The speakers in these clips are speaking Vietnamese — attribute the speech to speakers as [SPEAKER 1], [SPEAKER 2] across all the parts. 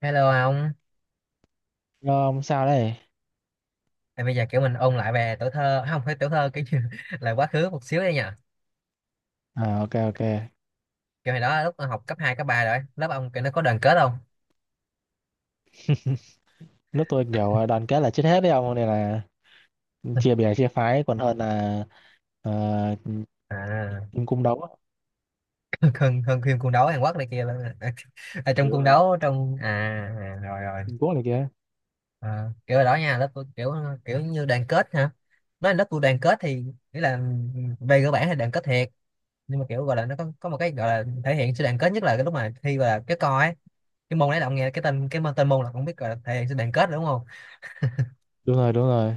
[SPEAKER 1] Hello ông,
[SPEAKER 2] Rồi không sao đấy.
[SPEAKER 1] à, bây giờ kiểu mình ôn lại về tuổi thơ, không phải tuổi thơ kiểu như là quá khứ một xíu đây nha.
[SPEAKER 2] À, ok ok.
[SPEAKER 1] Kiểu hồi đó lúc học cấp 2 cấp 3 rồi, lớp ông kiểu nó có đoàn kết không?
[SPEAKER 2] Nước tôi kiểu đoàn kết là chết hết đấy ông nên là chia bè chia phái còn hơn là ờ,
[SPEAKER 1] À,
[SPEAKER 2] kim cung đấu á.
[SPEAKER 1] hơn hơn phim cung đấu Hàn Quốc này kia luôn. À, à,
[SPEAKER 2] Ừ,
[SPEAKER 1] trong
[SPEAKER 2] đúng
[SPEAKER 1] cung
[SPEAKER 2] rồi.
[SPEAKER 1] đấu trong à, à rồi rồi.
[SPEAKER 2] Trung Quốc này kia.
[SPEAKER 1] À, kiểu hồi đó nha, lớp tôi kiểu kiểu như đoàn kết hả? Nói là lớp tôi đoàn kết thì nghĩa là ừ, về cơ bản thì đoàn kết thiệt, nhưng mà kiểu gọi là nó có một cái gọi là thể hiện sự đoàn kết nhất là cái lúc mà thi và cái co ấy. Cái môn đấy là ông nghe cái tên môn là cũng biết gọi là thể hiện sự đoàn kết rồi đúng không?
[SPEAKER 2] Đúng rồi, đúng rồi.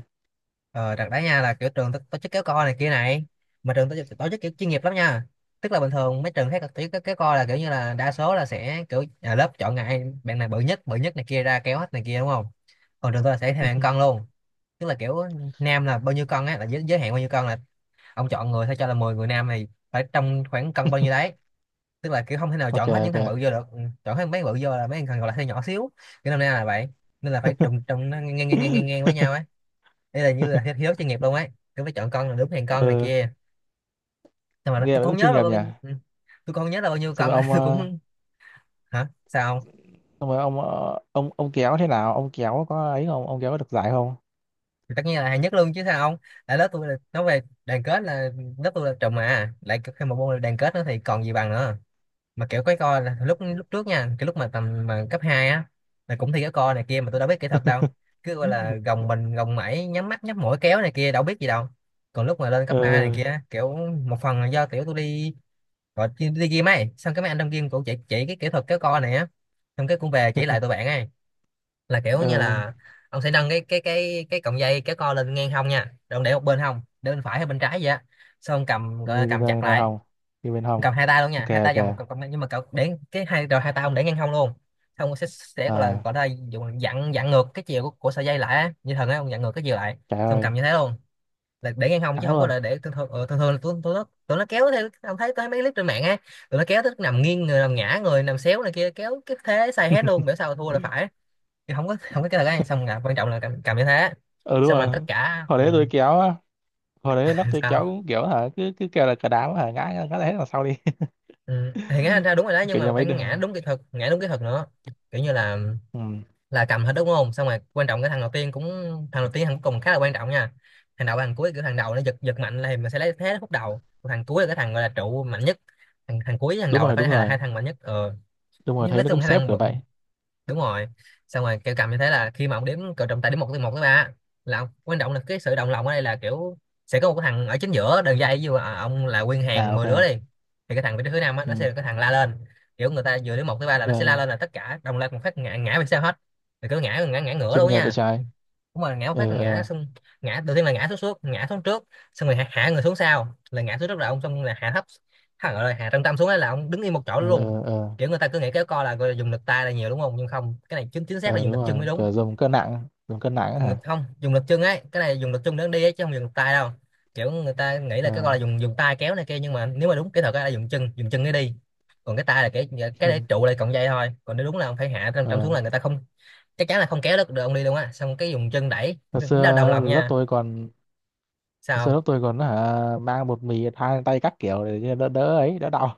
[SPEAKER 1] Ờ, đợt đấy nha là kiểu trường tổ tổ chức kéo co này kia này, mà trường tổ chức kiểu chuyên nghiệp lắm nha. Tức là bình thường mấy trường khác tổ chức kéo co là kiểu như là đa số là sẽ kiểu nhà lớp chọn ngại bạn này bự nhất này kia ra kéo hết này kia đúng không, còn trường tôi là sẽ theo hạng cân luôn. Tức là kiểu nam là bao nhiêu cân á là giới hạn bao nhiêu cân là ông chọn người thôi, cho là 10 người nam này phải trong khoảng cân bao nhiêu đấy, tức là kiểu không thể nào
[SPEAKER 2] Ok
[SPEAKER 1] chọn hết những
[SPEAKER 2] ok.
[SPEAKER 1] thằng bự vô được. Ừ, chọn hết mấy bự vô là mấy thằng còn lại hơi nhỏ xíu, cái năm nay là vậy, nên là phải đụng trong nó ngang ngang ngang ngang ngang với nhau ấy. Đây là như là hiếu chuyên nghiệp luôn ấy, tôi phải chọn con là đúng hàng con này
[SPEAKER 2] ừ,
[SPEAKER 1] kia, nhưng mà nó-
[SPEAKER 2] nghe
[SPEAKER 1] tôi
[SPEAKER 2] vậy
[SPEAKER 1] cũng
[SPEAKER 2] cũng
[SPEAKER 1] không nhớ
[SPEAKER 2] chuyên
[SPEAKER 1] là
[SPEAKER 2] nghiệp
[SPEAKER 1] bao
[SPEAKER 2] nhỉ.
[SPEAKER 1] nhiêu. Ừ, tôi không nhớ là bao nhiêu
[SPEAKER 2] Xong rồi
[SPEAKER 1] con
[SPEAKER 2] ông
[SPEAKER 1] tôi
[SPEAKER 2] ờ,
[SPEAKER 1] cũng hả sao không.
[SPEAKER 2] xong rồi, ông kéo thế nào? Ông kéo có ấy không? Ông kéo có được giải không?
[SPEAKER 1] Thì tất nhiên là hàng nhất luôn chứ sao không, tại lớp tôi là nói về đoàn kết là lớp tôi là trùm, mà lại thêm một môn là đoàn kết nữa thì còn gì bằng nữa. Mà kiểu cái co là lúc lúc trước nha, cái lúc mà tầm mà cấp 2 á là cũng thi cái co này kia, mà tôi đâu biết kỹ thuật đâu, cứ gọi là gồng mình gồng mẩy, nhắm mắt nhắm mũi kéo này kia, đâu biết gì đâu. Còn lúc mà lên cấp 3 này
[SPEAKER 2] ừ
[SPEAKER 1] kia kiểu một phần là do kiểu tôi đi, đi gym ấy, xong cái mấy anh trong gym cũng chỉ cái kỹ thuật kéo co này á, xong cái cũng về chỉ lại tụi bạn ấy, là kiểu
[SPEAKER 2] ừ,
[SPEAKER 1] như là ông sẽ nâng cái cọng dây kéo co lên ngang hông nha, rồi ông để một bên hông, để bên phải hay bên trái vậy á, xong cầm gọi là
[SPEAKER 2] như
[SPEAKER 1] cầm
[SPEAKER 2] cái
[SPEAKER 1] chặt
[SPEAKER 2] này
[SPEAKER 1] lại.
[SPEAKER 2] hồng, như bên hồng.
[SPEAKER 1] Cầm hai tay luôn nha,
[SPEAKER 2] Ok
[SPEAKER 1] hai tay vào một
[SPEAKER 2] ok.
[SPEAKER 1] cọng cọng- nhưng mà cậu để cái hai rồi, hai tay ông để ngang hông luôn. Xong ông sẽ gọi là
[SPEAKER 2] À
[SPEAKER 1] gọi là dùng dặn dặn ngược cái chiều của sợi dây lại á, như thần ấy, ông dặn ngược cái chiều lại,
[SPEAKER 2] trời
[SPEAKER 1] xong
[SPEAKER 2] ơi,
[SPEAKER 1] cầm như thế luôn, là để ngang hông chứ
[SPEAKER 2] thắng
[SPEAKER 1] không có
[SPEAKER 2] luôn.
[SPEAKER 1] là để thường thường. Ờ, thường thường là tụi tụi nó kéo theo, ông thấy tôi thấy mấy clip trên mạng á, tụi nó kéo tới nằm nghiêng người, nằm ngã người, nằm xéo này kia, kéo cái thế sai hết luôn, biểu sao thua là phải. Thì không có cái là xong là quan trọng là cầm như thế,
[SPEAKER 2] Ừ đúng
[SPEAKER 1] xong là
[SPEAKER 2] rồi,
[SPEAKER 1] tất cả.
[SPEAKER 2] hồi
[SPEAKER 1] Ừ,
[SPEAKER 2] đấy tôi kéo á, hồi đấy nó tôi
[SPEAKER 1] sao.
[SPEAKER 2] kéo cũng kiểu hả cứ cứ kêu là cờ đám hả ngã ngã ngã hết vào sau đi.
[SPEAKER 1] ừ, thì ngã ra đúng rồi đó, nhưng
[SPEAKER 2] Kiểu như
[SPEAKER 1] mà phải
[SPEAKER 2] mấy đứa,
[SPEAKER 1] ngã đúng kỹ thuật, ngã đúng kỹ thuật nữa, kiểu như
[SPEAKER 2] ừ.
[SPEAKER 1] là cầm hết đúng không, xong rồi quan trọng cái thằng đầu tiên cũng, thằng đầu tiên thằng cuối cùng khá là quan trọng nha. Thằng đầu thằng cuối kiểu thằng đầu nó giật giật mạnh là thì mình sẽ lấy thế khúc đầu. Còn thằng cuối là cái thằng gọi là trụ mạnh nhất. Thằng thằng cuối với thằng
[SPEAKER 2] Đúng
[SPEAKER 1] đầu là
[SPEAKER 2] rồi đúng
[SPEAKER 1] phải là
[SPEAKER 2] rồi,
[SPEAKER 1] hai thằng mạnh nhất. ờ,
[SPEAKER 2] đúng rồi
[SPEAKER 1] nhưng nói
[SPEAKER 2] thấy nó
[SPEAKER 1] chung
[SPEAKER 2] cũng
[SPEAKER 1] hai
[SPEAKER 2] xếp
[SPEAKER 1] thằng,
[SPEAKER 2] kiểu vậy.
[SPEAKER 1] đúng rồi, xong rồi kêu cầm như thế là khi mà ông đếm cờ, trọng tài đếm một, từ một tới ba, là ông, quan trọng là cái sự đồng lòng ở đây là kiểu sẽ có một cái thằng ở chính giữa đường dây, ví dụ à, ông là nguyên hàng
[SPEAKER 2] À ok,
[SPEAKER 1] 10 đứa đi, thì cái thằng vị trí thứ năm á nó sẽ
[SPEAKER 2] ừ.
[SPEAKER 1] là cái thằng la lên. Kiểu người ta vừa đếm một tới ba là
[SPEAKER 2] Ok
[SPEAKER 1] nó sẽ la
[SPEAKER 2] ok.
[SPEAKER 1] lên là tất cả đồng loạt một phát ngã, ngã về sau hết, thì cứ ngã ngã ngã ngửa
[SPEAKER 2] Chuyên
[SPEAKER 1] luôn
[SPEAKER 2] nghiệp vậy
[SPEAKER 1] nha.
[SPEAKER 2] trái,
[SPEAKER 1] Đúng rồi, ngã một phát
[SPEAKER 2] ờ
[SPEAKER 1] là ngã
[SPEAKER 2] ờ
[SPEAKER 1] xong, ngã đầu tiên là ngã xuống, xuống ngã xuống trước, xong rồi hạ, hạ người xuống sau, là ngã xuống trước là ông xong là hạ thấp, gọi là hạ trọng tâm xuống ấy, là ông đứng yên một chỗ
[SPEAKER 2] ờ,
[SPEAKER 1] luôn.
[SPEAKER 2] ờ ờ.
[SPEAKER 1] Kiểu người ta cứ nghĩ kéo co là gọi là dùng lực tay là nhiều đúng không, nhưng không, cái này chính chính xác là
[SPEAKER 2] Ờ,
[SPEAKER 1] dùng
[SPEAKER 2] đúng
[SPEAKER 1] lực chân mới
[SPEAKER 2] rồi
[SPEAKER 1] đúng.
[SPEAKER 2] kiểu dùng cân nặng, dùng cân nặng á
[SPEAKER 1] Dùng lực
[SPEAKER 2] hả.
[SPEAKER 1] không, dùng lực chân ấy, cái này dùng lực chân để đi ấy, chứ không dùng lực tay đâu. Kiểu người ta nghĩ là cái
[SPEAKER 2] Ờ
[SPEAKER 1] gọi là dùng dùng tay kéo này kia, nhưng mà nếu mà đúng kỹ thuật ấy là dùng chân, dùng chân để đi. Còn cái tay là cái
[SPEAKER 2] ừ.
[SPEAKER 1] để trụ lại cọng dây thôi, còn nếu đúng là ông phải hạ trong trong xuống
[SPEAKER 2] Ờ,
[SPEAKER 1] là người ta không chắc chắn là không kéo được, ông đi luôn á, xong cái dùng chân đẩy,
[SPEAKER 2] hồi
[SPEAKER 1] nó đồng
[SPEAKER 2] xưa
[SPEAKER 1] lòng
[SPEAKER 2] lớp
[SPEAKER 1] nha.
[SPEAKER 2] tôi còn, hồi xưa
[SPEAKER 1] Sao?
[SPEAKER 2] lớp tôi còn hả mang bột mì thang tay các kiểu để cho đỡ đỡ ấy, đỡ đau.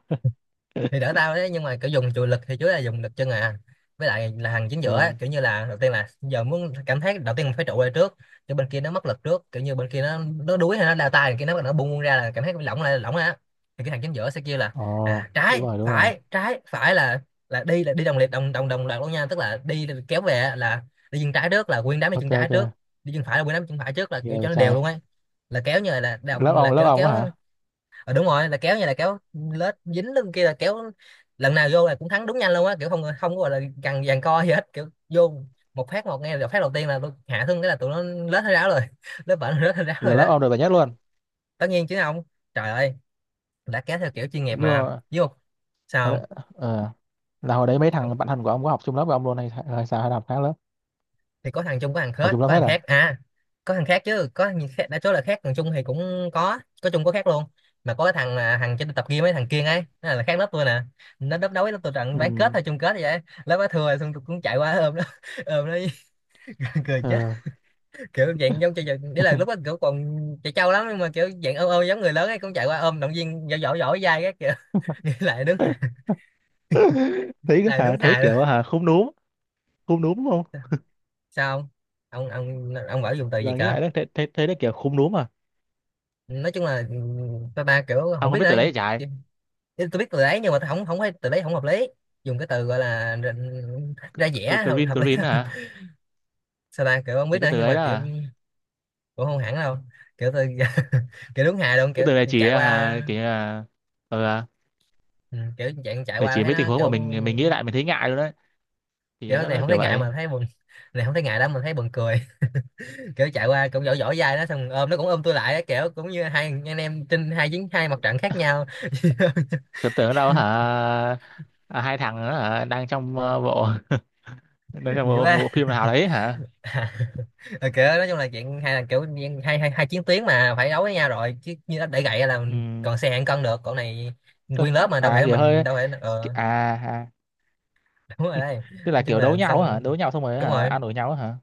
[SPEAKER 1] Thì đỡ tao đấy, nhưng mà kiểu dùng chùi lực thì chủ yếu là dùng lực chân. À, với lại là hàng chính giữa á,
[SPEAKER 2] Ờ
[SPEAKER 1] kiểu như là đầu tiên là giờ muốn cảm thấy đầu tiên mình phải trụ lại trước, cho bên kia nó mất lực trước, kiểu như bên kia nó đuối hay nó đau tay kia, nó buông ra là cảm thấy lỏng lại lỏng á, thì cái hàng chính giữa sẽ kêu là
[SPEAKER 2] ồ
[SPEAKER 1] à
[SPEAKER 2] đúng
[SPEAKER 1] trái
[SPEAKER 2] rồi, đúng rồi.
[SPEAKER 1] phải trái phải, là là đi đồng liệt đồng đồng đồng loạt luôn nha. Tức là đi kéo về là đi chân trái trước là nguyên đám đi chân
[SPEAKER 2] Ok
[SPEAKER 1] trái
[SPEAKER 2] ok,
[SPEAKER 1] trước, đi chân phải là nguyên đám chân phải trước, là kiểu
[SPEAKER 2] nghe vậy
[SPEAKER 1] cho nó đều luôn
[SPEAKER 2] trai.
[SPEAKER 1] ấy, là kéo như là là,
[SPEAKER 2] Lớp
[SPEAKER 1] là
[SPEAKER 2] ông, lớp
[SPEAKER 1] kiểu
[SPEAKER 2] ông á
[SPEAKER 1] kéo.
[SPEAKER 2] hả,
[SPEAKER 1] Ờ, đúng rồi, là kéo như là kéo lết dính lên kia là kéo, lần nào vô là cũng thắng đúng nhanh luôn á, kiểu không không có gọi là gằn giằng co gì hết, kiểu vô một phát một nghe được, phát đầu tiên là tôi hạ thương cái là tụi nó lết hết ráo rồi lết bệnh lết hết ráo
[SPEAKER 2] là
[SPEAKER 1] rồi đó.
[SPEAKER 2] lớp ông được giải nhất luôn.
[SPEAKER 1] Tất nhiên chứ không, trời ơi, đã kéo theo kiểu chuyên nghiệp
[SPEAKER 2] Nhưng
[SPEAKER 1] mà
[SPEAKER 2] mà
[SPEAKER 1] với một,
[SPEAKER 2] hồi
[SPEAKER 1] sao không?
[SPEAKER 2] đấy, ờ, là hồi đấy mấy thằng bạn thân của ông có học chung lớp với ông luôn hay, hay sao hay là học khác lớp.
[SPEAKER 1] Thì có thằng chung có thằng
[SPEAKER 2] Học
[SPEAKER 1] khác,
[SPEAKER 2] chung lớp hết à.
[SPEAKER 1] à có thằng khác chứ, có thằng khác đã chốt là khác, thằng chung thì cũng có chung có khác luôn. Mà có cái thằng là thằng trên tập gym mấy thằng kia ấy, nó là khác lớp tôi nè, nó đớp đấu với lớp tôi trận bán kết
[SPEAKER 2] Ừ.
[SPEAKER 1] hay chung kết vậy ấy. Lớp nó thua rồi, xong tôi cũng chạy qua ôm nó, ôm nó cười chết,
[SPEAKER 2] Ờ.
[SPEAKER 1] kiểu dạng giống chơi đấy, là lúc đó kiểu còn chạy trâu lắm, nhưng mà kiểu dạng ôm ôm giống người lớn ấy, cũng chạy qua ôm động viên dỗ dỗ dỗ dai các kiểu nghĩ
[SPEAKER 2] Thấy
[SPEAKER 1] lại đứng
[SPEAKER 2] hả, thấy
[SPEAKER 1] hài luôn.
[SPEAKER 2] kiểu hả khúm núm, khúm núm đúng không,
[SPEAKER 1] Sao không? Ông bảo dùng từ gì
[SPEAKER 2] giờ nghĩ
[SPEAKER 1] cả.
[SPEAKER 2] lại đó thấy thấy thấy nó kiểu khúm núm à.
[SPEAKER 1] Nói chung là ba ba kiểu không
[SPEAKER 2] Ông có
[SPEAKER 1] biết
[SPEAKER 2] biết
[SPEAKER 1] nữa.
[SPEAKER 2] từ đấy chạy,
[SPEAKER 1] Thế tôi biết từ đấy nhưng mà tôi không không thấy từ đấy không hợp lý. Dùng cái từ gọi là ra vẻ
[SPEAKER 2] green
[SPEAKER 1] hợp lý
[SPEAKER 2] green
[SPEAKER 1] hơn.
[SPEAKER 2] hả,
[SPEAKER 1] Sao ta, kiểu không biết
[SPEAKER 2] thì cái
[SPEAKER 1] nữa
[SPEAKER 2] từ
[SPEAKER 1] nhưng
[SPEAKER 2] đấy
[SPEAKER 1] mà
[SPEAKER 2] đó
[SPEAKER 1] kiểu
[SPEAKER 2] à,
[SPEAKER 1] cũng không hẳn đâu, kiểu tôi kiểu đúng hài luôn.
[SPEAKER 2] cái
[SPEAKER 1] Kiểu
[SPEAKER 2] từ này chỉ
[SPEAKER 1] chạy qua,
[SPEAKER 2] hả kiểu là ờ,
[SPEAKER 1] ừ, kiểu chạy chạy
[SPEAKER 2] để
[SPEAKER 1] qua
[SPEAKER 2] chỉ
[SPEAKER 1] thấy
[SPEAKER 2] mấy tình
[SPEAKER 1] nó
[SPEAKER 2] huống mà
[SPEAKER 1] kiểu,
[SPEAKER 2] mình nghĩ lại mình thấy ngại luôn đấy, thì
[SPEAKER 1] kiểu này
[SPEAKER 2] nó
[SPEAKER 1] không
[SPEAKER 2] kiểu
[SPEAKER 1] thấy ngại
[SPEAKER 2] vậy.
[SPEAKER 1] mà thấy buồn. Này không thấy ngại đâu mà thấy buồn cười. Kiểu chạy qua cũng vỗ vỗ vai nó xong ôm nó cũng ôm tôi lại á, kiểu cũng như hai anh em trên hai mặt trận khác nhau.
[SPEAKER 2] Tưởng tượng đâu hả, à, hai thằng đó hả đang trong bộ, nói là
[SPEAKER 1] Nhiều.
[SPEAKER 2] bộ, bộ phim nào đấy hả.
[SPEAKER 1] À, ờ, kiểu nói chung là chuyện hay, là kiểu như hai hai hai chiến tuyến mà phải đấu với nhau rồi, chứ như nó để gậy là
[SPEAKER 2] Ừ.
[SPEAKER 1] mình còn xe hạng cân được. Còn này
[SPEAKER 2] Tôi-
[SPEAKER 1] nguyên lớp mà đâu
[SPEAKER 2] à
[SPEAKER 1] thể,
[SPEAKER 2] kiểu
[SPEAKER 1] mình
[SPEAKER 2] hơi,
[SPEAKER 1] đâu thể ờ.
[SPEAKER 2] à, à
[SPEAKER 1] Đúng rồi đấy,
[SPEAKER 2] tức là
[SPEAKER 1] nói chung
[SPEAKER 2] kiểu đấu
[SPEAKER 1] là
[SPEAKER 2] nhau hả,
[SPEAKER 1] xong.
[SPEAKER 2] đấu nhau xong rồi
[SPEAKER 1] Đúng
[SPEAKER 2] hả
[SPEAKER 1] rồi,
[SPEAKER 2] ăn đổi nhau hả,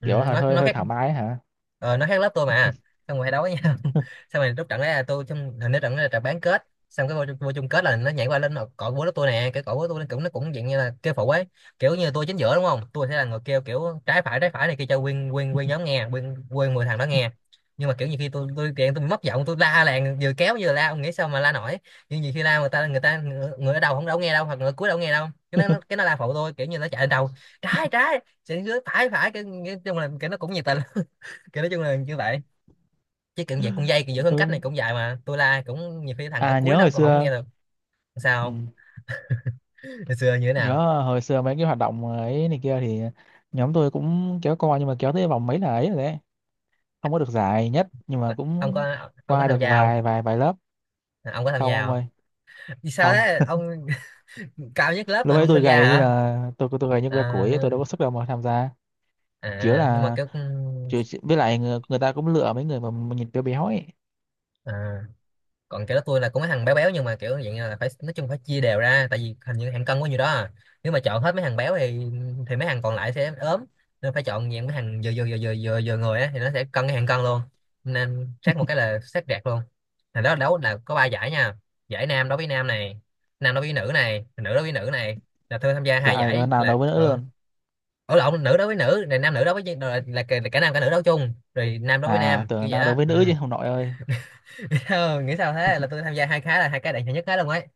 [SPEAKER 1] ừ,
[SPEAKER 2] kiểu hả,
[SPEAKER 1] nó
[SPEAKER 2] hơi
[SPEAKER 1] nó
[SPEAKER 2] hơi
[SPEAKER 1] khác.
[SPEAKER 2] thoải mái hả.
[SPEAKER 1] Ờ, nó khác lớp tôi mà. Xong rồi hay đấu với nhau. Xong rồi lúc trận đấy là tôi trong, hình như trận đấy là trận bán kết. Xong cái vô chung kết là nó nhảy qua lên, nó cọ búa lớp tôi nè. Cái cọ búa tôi, nó cũng, nó cũng dạng như là kêu phụ ấy. Kiểu như tôi chính giữa đúng không, tôi sẽ là người kêu kiểu trái phải, trái phải này kia cho nguyên nguyên nguyên nhóm nghe, nguyên nguyên mười thằng đó nghe. Nhưng mà kiểu như khi tôi kiện, tôi mất giọng, tôi la làng, vừa kéo vừa la, ông nghĩ sao mà la nổi. Nhưng nhiều khi la, người ta người ở đầu không đâu nghe đâu, hoặc người ở cuối đâu nghe đâu, cái cái nó la phụ tôi, kiểu như nó chạy lên đầu. Trái trái sẽ dưới, phải phải nói chung là cái nó cũng nhiệt tình. Cái nói chung là như vậy. Chứ kiểu dạng con dây kiểu giữ khoảng cách này
[SPEAKER 2] Ừ.
[SPEAKER 1] cũng dài mà tôi la cũng nhiều khi thằng ở
[SPEAKER 2] À
[SPEAKER 1] cuối
[SPEAKER 2] nhớ
[SPEAKER 1] nó
[SPEAKER 2] hồi
[SPEAKER 1] còn không
[SPEAKER 2] xưa,
[SPEAKER 1] nghe được.
[SPEAKER 2] ừ,
[SPEAKER 1] Sao? Hồi xưa như thế nào?
[SPEAKER 2] nhớ hồi xưa mấy cái hoạt động ấy này kia thì nhóm tôi cũng kéo co nhưng mà kéo tới vòng mấy là ấy rồi đấy, không có được giải nhất nhưng mà
[SPEAKER 1] Ông
[SPEAKER 2] cũng
[SPEAKER 1] có, ông có
[SPEAKER 2] qua
[SPEAKER 1] tham
[SPEAKER 2] được
[SPEAKER 1] gia không?
[SPEAKER 2] vài vài vài lớp.
[SPEAKER 1] À, ông có tham
[SPEAKER 2] Không
[SPEAKER 1] gia
[SPEAKER 2] ông
[SPEAKER 1] không?
[SPEAKER 2] ơi,
[SPEAKER 1] Vì sao
[SPEAKER 2] không.
[SPEAKER 1] thế ông? Cao nhất lớp
[SPEAKER 2] Lúc
[SPEAKER 1] mà
[SPEAKER 2] ấy
[SPEAKER 1] không
[SPEAKER 2] tôi
[SPEAKER 1] tham gia
[SPEAKER 2] gầy như
[SPEAKER 1] hả?
[SPEAKER 2] là tôi gầy như que củi,
[SPEAKER 1] À,
[SPEAKER 2] tôi đâu có sức đâu mà tham gia, kiểu
[SPEAKER 1] à nhưng mà
[SPEAKER 2] là
[SPEAKER 1] kiểu
[SPEAKER 2] chứ chứ- với lại người, người ta cũng lựa mấy người mà nhìn béo béo ấy.
[SPEAKER 1] à, còn kiểu đó tôi là cũng mấy thằng béo béo nhưng mà kiểu dạng như là phải, nói chung phải chia đều ra, tại vì hình như hàng cân có nhiều đó à. Nếu mà chọn hết mấy thằng béo thì mấy thằng còn lại sẽ ốm. Nên phải chọn dạng mấy thằng vừa vừa vừa vừa vừa vừa người á thì nó sẽ cân cái hàng cân luôn. Nên xét một cái là xét rẹt luôn. Thì đó, đấu là có ba giải nha. Giải nam đối với nam này, nam đối với nữ này, nữ đối với nữ này. Là tôi tham gia
[SPEAKER 2] Chả
[SPEAKER 1] hai
[SPEAKER 2] ai có
[SPEAKER 1] giải
[SPEAKER 2] nào
[SPEAKER 1] là
[SPEAKER 2] đấu với nữ luôn.
[SPEAKER 1] ở lộn, nữ đối với nữ này, nam nữ đối với là cả nam cả nữ đấu chung, rồi nam đối với
[SPEAKER 2] À
[SPEAKER 1] nam, kiểu
[SPEAKER 2] tưởng
[SPEAKER 1] vậy
[SPEAKER 2] nào
[SPEAKER 1] đó
[SPEAKER 2] đấu với
[SPEAKER 1] ừ.
[SPEAKER 2] nữ chứ không nội ơi.
[SPEAKER 1] Ờ, nghĩ sao thế. Là tôi tham gia hai cái là hai cái đạt hạng nhất hết luôn ấy.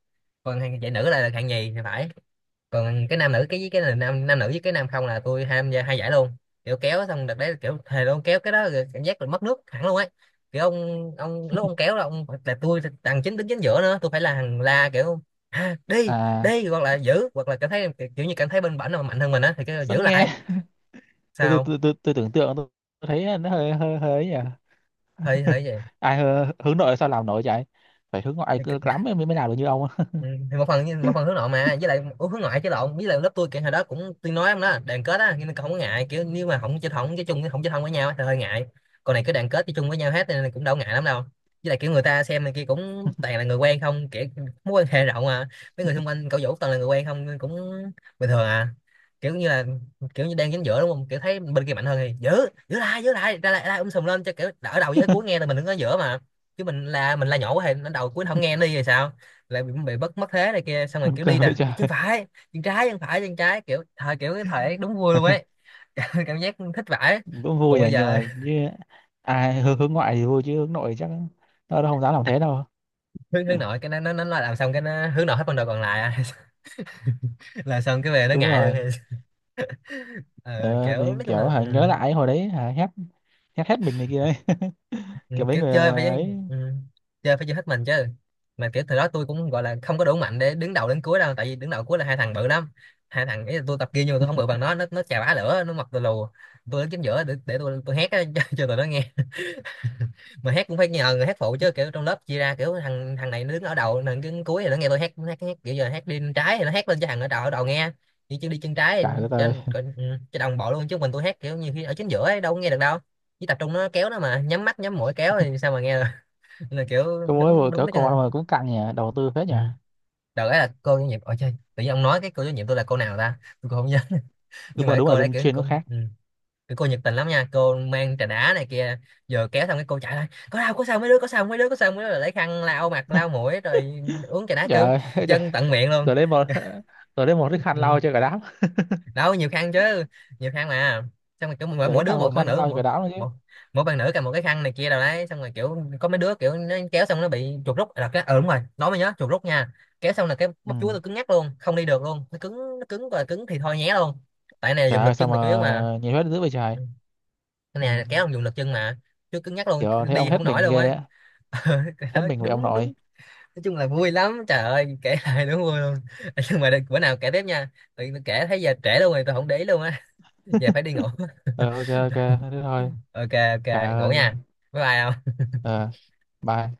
[SPEAKER 1] Còn hạng giải nữ là được hạng nhì thì phải. Còn cái nam nữ cái với cái là nam, nam nữ với cái nam không, là tôi tham gia hai giải luôn. Kiểu kéo xong đợt đấy kiểu thề luôn, kéo cái đó rồi cảm giác là mất nước hẳn luôn ấy. Kiểu ông lúc ông kéo là ông, là tôi thằng chính đứng chính giữa nữa, tôi phải là thằng la kiểu đi
[SPEAKER 2] À
[SPEAKER 1] đi, hoặc là giữ, hoặc là cảm thấy, kiểu như cảm thấy bên bển mà mạnh hơn mình á thì cái
[SPEAKER 2] sao
[SPEAKER 1] giữ
[SPEAKER 2] nghe,
[SPEAKER 1] lại.
[SPEAKER 2] tôi tôi
[SPEAKER 1] Sao?
[SPEAKER 2] tôi tôi, tôi tưởng tượng tôi thấy nó hơi hơi hơi ấy nhỉ.
[SPEAKER 1] Hơi hơi
[SPEAKER 2] Ai hơ- hướng nội sao làm nổi trời, phải hướng ngoại
[SPEAKER 1] vậy.
[SPEAKER 2] cứ lắm mới mới nào được như ông á.
[SPEAKER 1] Ừ, thì một phần một phần hướng nội mà, với lại hướng ngoại chứ lộn, với lại lớp tôi kiểu hồi đó cũng, tôi nói ông đó, đoàn kết á, nhưng mà không có ngại kiểu, nếu mà không chơi chung, không chơi thân với nhau á thì hơi ngại. Còn này cứ đoàn kết chơi chung với nhau hết nên cũng đâu ngại lắm đâu. Với lại kiểu người ta xem này kia cũng toàn là người quen không, kiểu mối quan hệ rộng mà, mấy người xung quanh cậu Vũ toàn là người quen không nên cũng bình thường à. Kiểu như là, kiểu như đang dính giữa đúng không, kiểu thấy bên kia mạnh hơn thì giữ, giữ lại ra lại, sùm lên cho kiểu đỡ, đầu với cuối nghe, là mình đứng ở giữa mà. Chứ mình là, mình là nhỏ quá thì nó đầu cuối nó không nghe, nó đi rồi sao. Lại bị bất mất thế này kia, xong rồi
[SPEAKER 2] Buồn
[SPEAKER 1] kiểu
[SPEAKER 2] cười
[SPEAKER 1] đi nè,
[SPEAKER 2] vậy trời.
[SPEAKER 1] bị chân phải, chân trái, chân phải, chân trái, kiểu thời, kiểu cái thời ấy đúng vui luôn ấy. Cảm giác thích vãi.
[SPEAKER 2] Cũng
[SPEAKER 1] Còn
[SPEAKER 2] vui à
[SPEAKER 1] bây
[SPEAKER 2] nhưng
[SPEAKER 1] giờ
[SPEAKER 2] mà như ai hướng, hướng ngoại thì vui chứ hướng nội chắc nó không dám làm thế đâu.
[SPEAKER 1] hướng hướng nội, cái nó làm xong cái nó hướng nội hết phần đời còn lại à. Là xong cái về nó
[SPEAKER 2] Đúng
[SPEAKER 1] ngại luôn
[SPEAKER 2] rồi.
[SPEAKER 1] thì ờ,
[SPEAKER 2] Ờ,
[SPEAKER 1] kiểu
[SPEAKER 2] thì
[SPEAKER 1] nói chung là
[SPEAKER 2] kiểu hả, nhớ lại hồi đấy hả, hét hét hết mình này kia ấy.
[SPEAKER 1] ừ,
[SPEAKER 2] Kiểu mấy
[SPEAKER 1] kiểu
[SPEAKER 2] người
[SPEAKER 1] chơi phải,
[SPEAKER 2] ấy.
[SPEAKER 1] ừ, chơi phải chơi hết mình chứ. Mà kiểu thời đó tôi cũng gọi là không có đủ mạnh để đứng đầu đến cuối đâu, tại vì đứng đầu cuối là hai thằng bự lắm. Hai thằng ấy tôi tập kia nhưng mà tôi không bự bằng nó, nó chà bá lửa, nó mặc tôi lù. Tôi đứng chính giữa để tôi hét á, cho tụi nó nghe. Mà hát cũng phải nhờ người hát phụ, chứ kiểu trong lớp chia ra kiểu thằng thằng này nó đứng ở đầu, thằng đứng cuối thì nó nghe tôi hát, nó hát kiểu giờ hát đi bên trái thì nó hát lên cho thằng ở đầu nghe. Đi chân, đi chân trái thì
[SPEAKER 2] Trời đất ơi,
[SPEAKER 1] trên trên- ừ, cho đồng bộ luôn, chứ mình tôi hát kiểu nhiều khi ở chính giữa ấy, đâu có nghe được đâu. Chỉ tập trung nó kéo, nó mà nhắm mắt nhắm mũi kéo thì sao mà nghe được. Nên là kiểu
[SPEAKER 2] có mới
[SPEAKER 1] đúng
[SPEAKER 2] vừa
[SPEAKER 1] đúng
[SPEAKER 2] kiểu
[SPEAKER 1] nó chứ.
[SPEAKER 2] con mà cũng căng nhỉ, đầu tư phết
[SPEAKER 1] Ừ.
[SPEAKER 2] nhỉ.
[SPEAKER 1] Đợt ấy là cô giáo nhiệm ở chơi, tự nhiên ông nói cái cô giáo nhiệm tôi là cô nào ta, tôi cũng không nhớ.
[SPEAKER 2] Đúng
[SPEAKER 1] Nhưng mà
[SPEAKER 2] mà
[SPEAKER 1] cái
[SPEAKER 2] đúng là
[SPEAKER 1] cô đấy
[SPEAKER 2] dân
[SPEAKER 1] kiểu
[SPEAKER 2] chuyên có
[SPEAKER 1] cũng
[SPEAKER 2] khác.
[SPEAKER 1] ừ, cái cô nhiệt tình lắm nha, cô mang trà đá này kia. Giờ kéo xong cái cô chạy lại, có đau có sao mấy đứa, có sao mấy đứa, có sao mấy đứa, rồi lấy khăn lau mặt lau mũi, rồi uống trà đá kiểu
[SPEAKER 2] Trời ơi, trời,
[SPEAKER 1] dân tận miệng luôn.
[SPEAKER 2] giờ lấy một giờ lấy một cái khăn
[SPEAKER 1] Ừ.
[SPEAKER 2] lau cho cả đám.
[SPEAKER 1] Đâu nhiều khăn chứ, nhiều khăn mà. Xong rồi kiểu
[SPEAKER 2] Giờ lấy
[SPEAKER 1] mỗi đứa
[SPEAKER 2] khăn,
[SPEAKER 1] một
[SPEAKER 2] một
[SPEAKER 1] bạn
[SPEAKER 2] khăn
[SPEAKER 1] nữ,
[SPEAKER 2] lau cho cả đám rồi chứ.
[SPEAKER 1] mỗi, mỗi bạn nữ cầm một cái khăn này kia đâu đấy. Xong rồi kiểu có mấy đứa kiểu nó kéo xong nó bị chuột rút là cái ờ đúng rồi, nói mới nhớ chuột rút nha. Kéo xong là cái
[SPEAKER 2] Ừ.
[SPEAKER 1] bắp chuối tôi cứng ngắc luôn, không đi được luôn, nó cứng, nó cứng thì thôi nhé luôn. Tại này
[SPEAKER 2] Trời
[SPEAKER 1] dùng lực
[SPEAKER 2] ơi sao
[SPEAKER 1] chân
[SPEAKER 2] mà
[SPEAKER 1] là chủ yếu mà.
[SPEAKER 2] nhiệt huyết dữ vậy trời.
[SPEAKER 1] Ừ. Cái
[SPEAKER 2] Ừ.
[SPEAKER 1] này là kéo không dùng lực chân mà. Chứ cứng nhắc luôn,
[SPEAKER 2] Kiểu thấy ông
[SPEAKER 1] đi không
[SPEAKER 2] hết mình
[SPEAKER 1] nổi luôn
[SPEAKER 2] ghê
[SPEAKER 1] á.
[SPEAKER 2] á,
[SPEAKER 1] Cái
[SPEAKER 2] hết
[SPEAKER 1] đó
[SPEAKER 2] mình với ông
[SPEAKER 1] đúng đúng.
[SPEAKER 2] nội.
[SPEAKER 1] Nói chung là vui lắm trời ơi, kể lại đúng vui luôn. Nhưng mà bữa nào kể tiếp nha. Tự nhiên tôi kể thấy giờ trễ luôn rồi, tôi không để ý luôn á. Giờ phải đi ngủ.
[SPEAKER 2] Ờ ok ok, thế thôi.
[SPEAKER 1] Ok ok,
[SPEAKER 2] Trời
[SPEAKER 1] ngủ nha.
[SPEAKER 2] ơi.
[SPEAKER 1] Bye bye.
[SPEAKER 2] Ờ bye.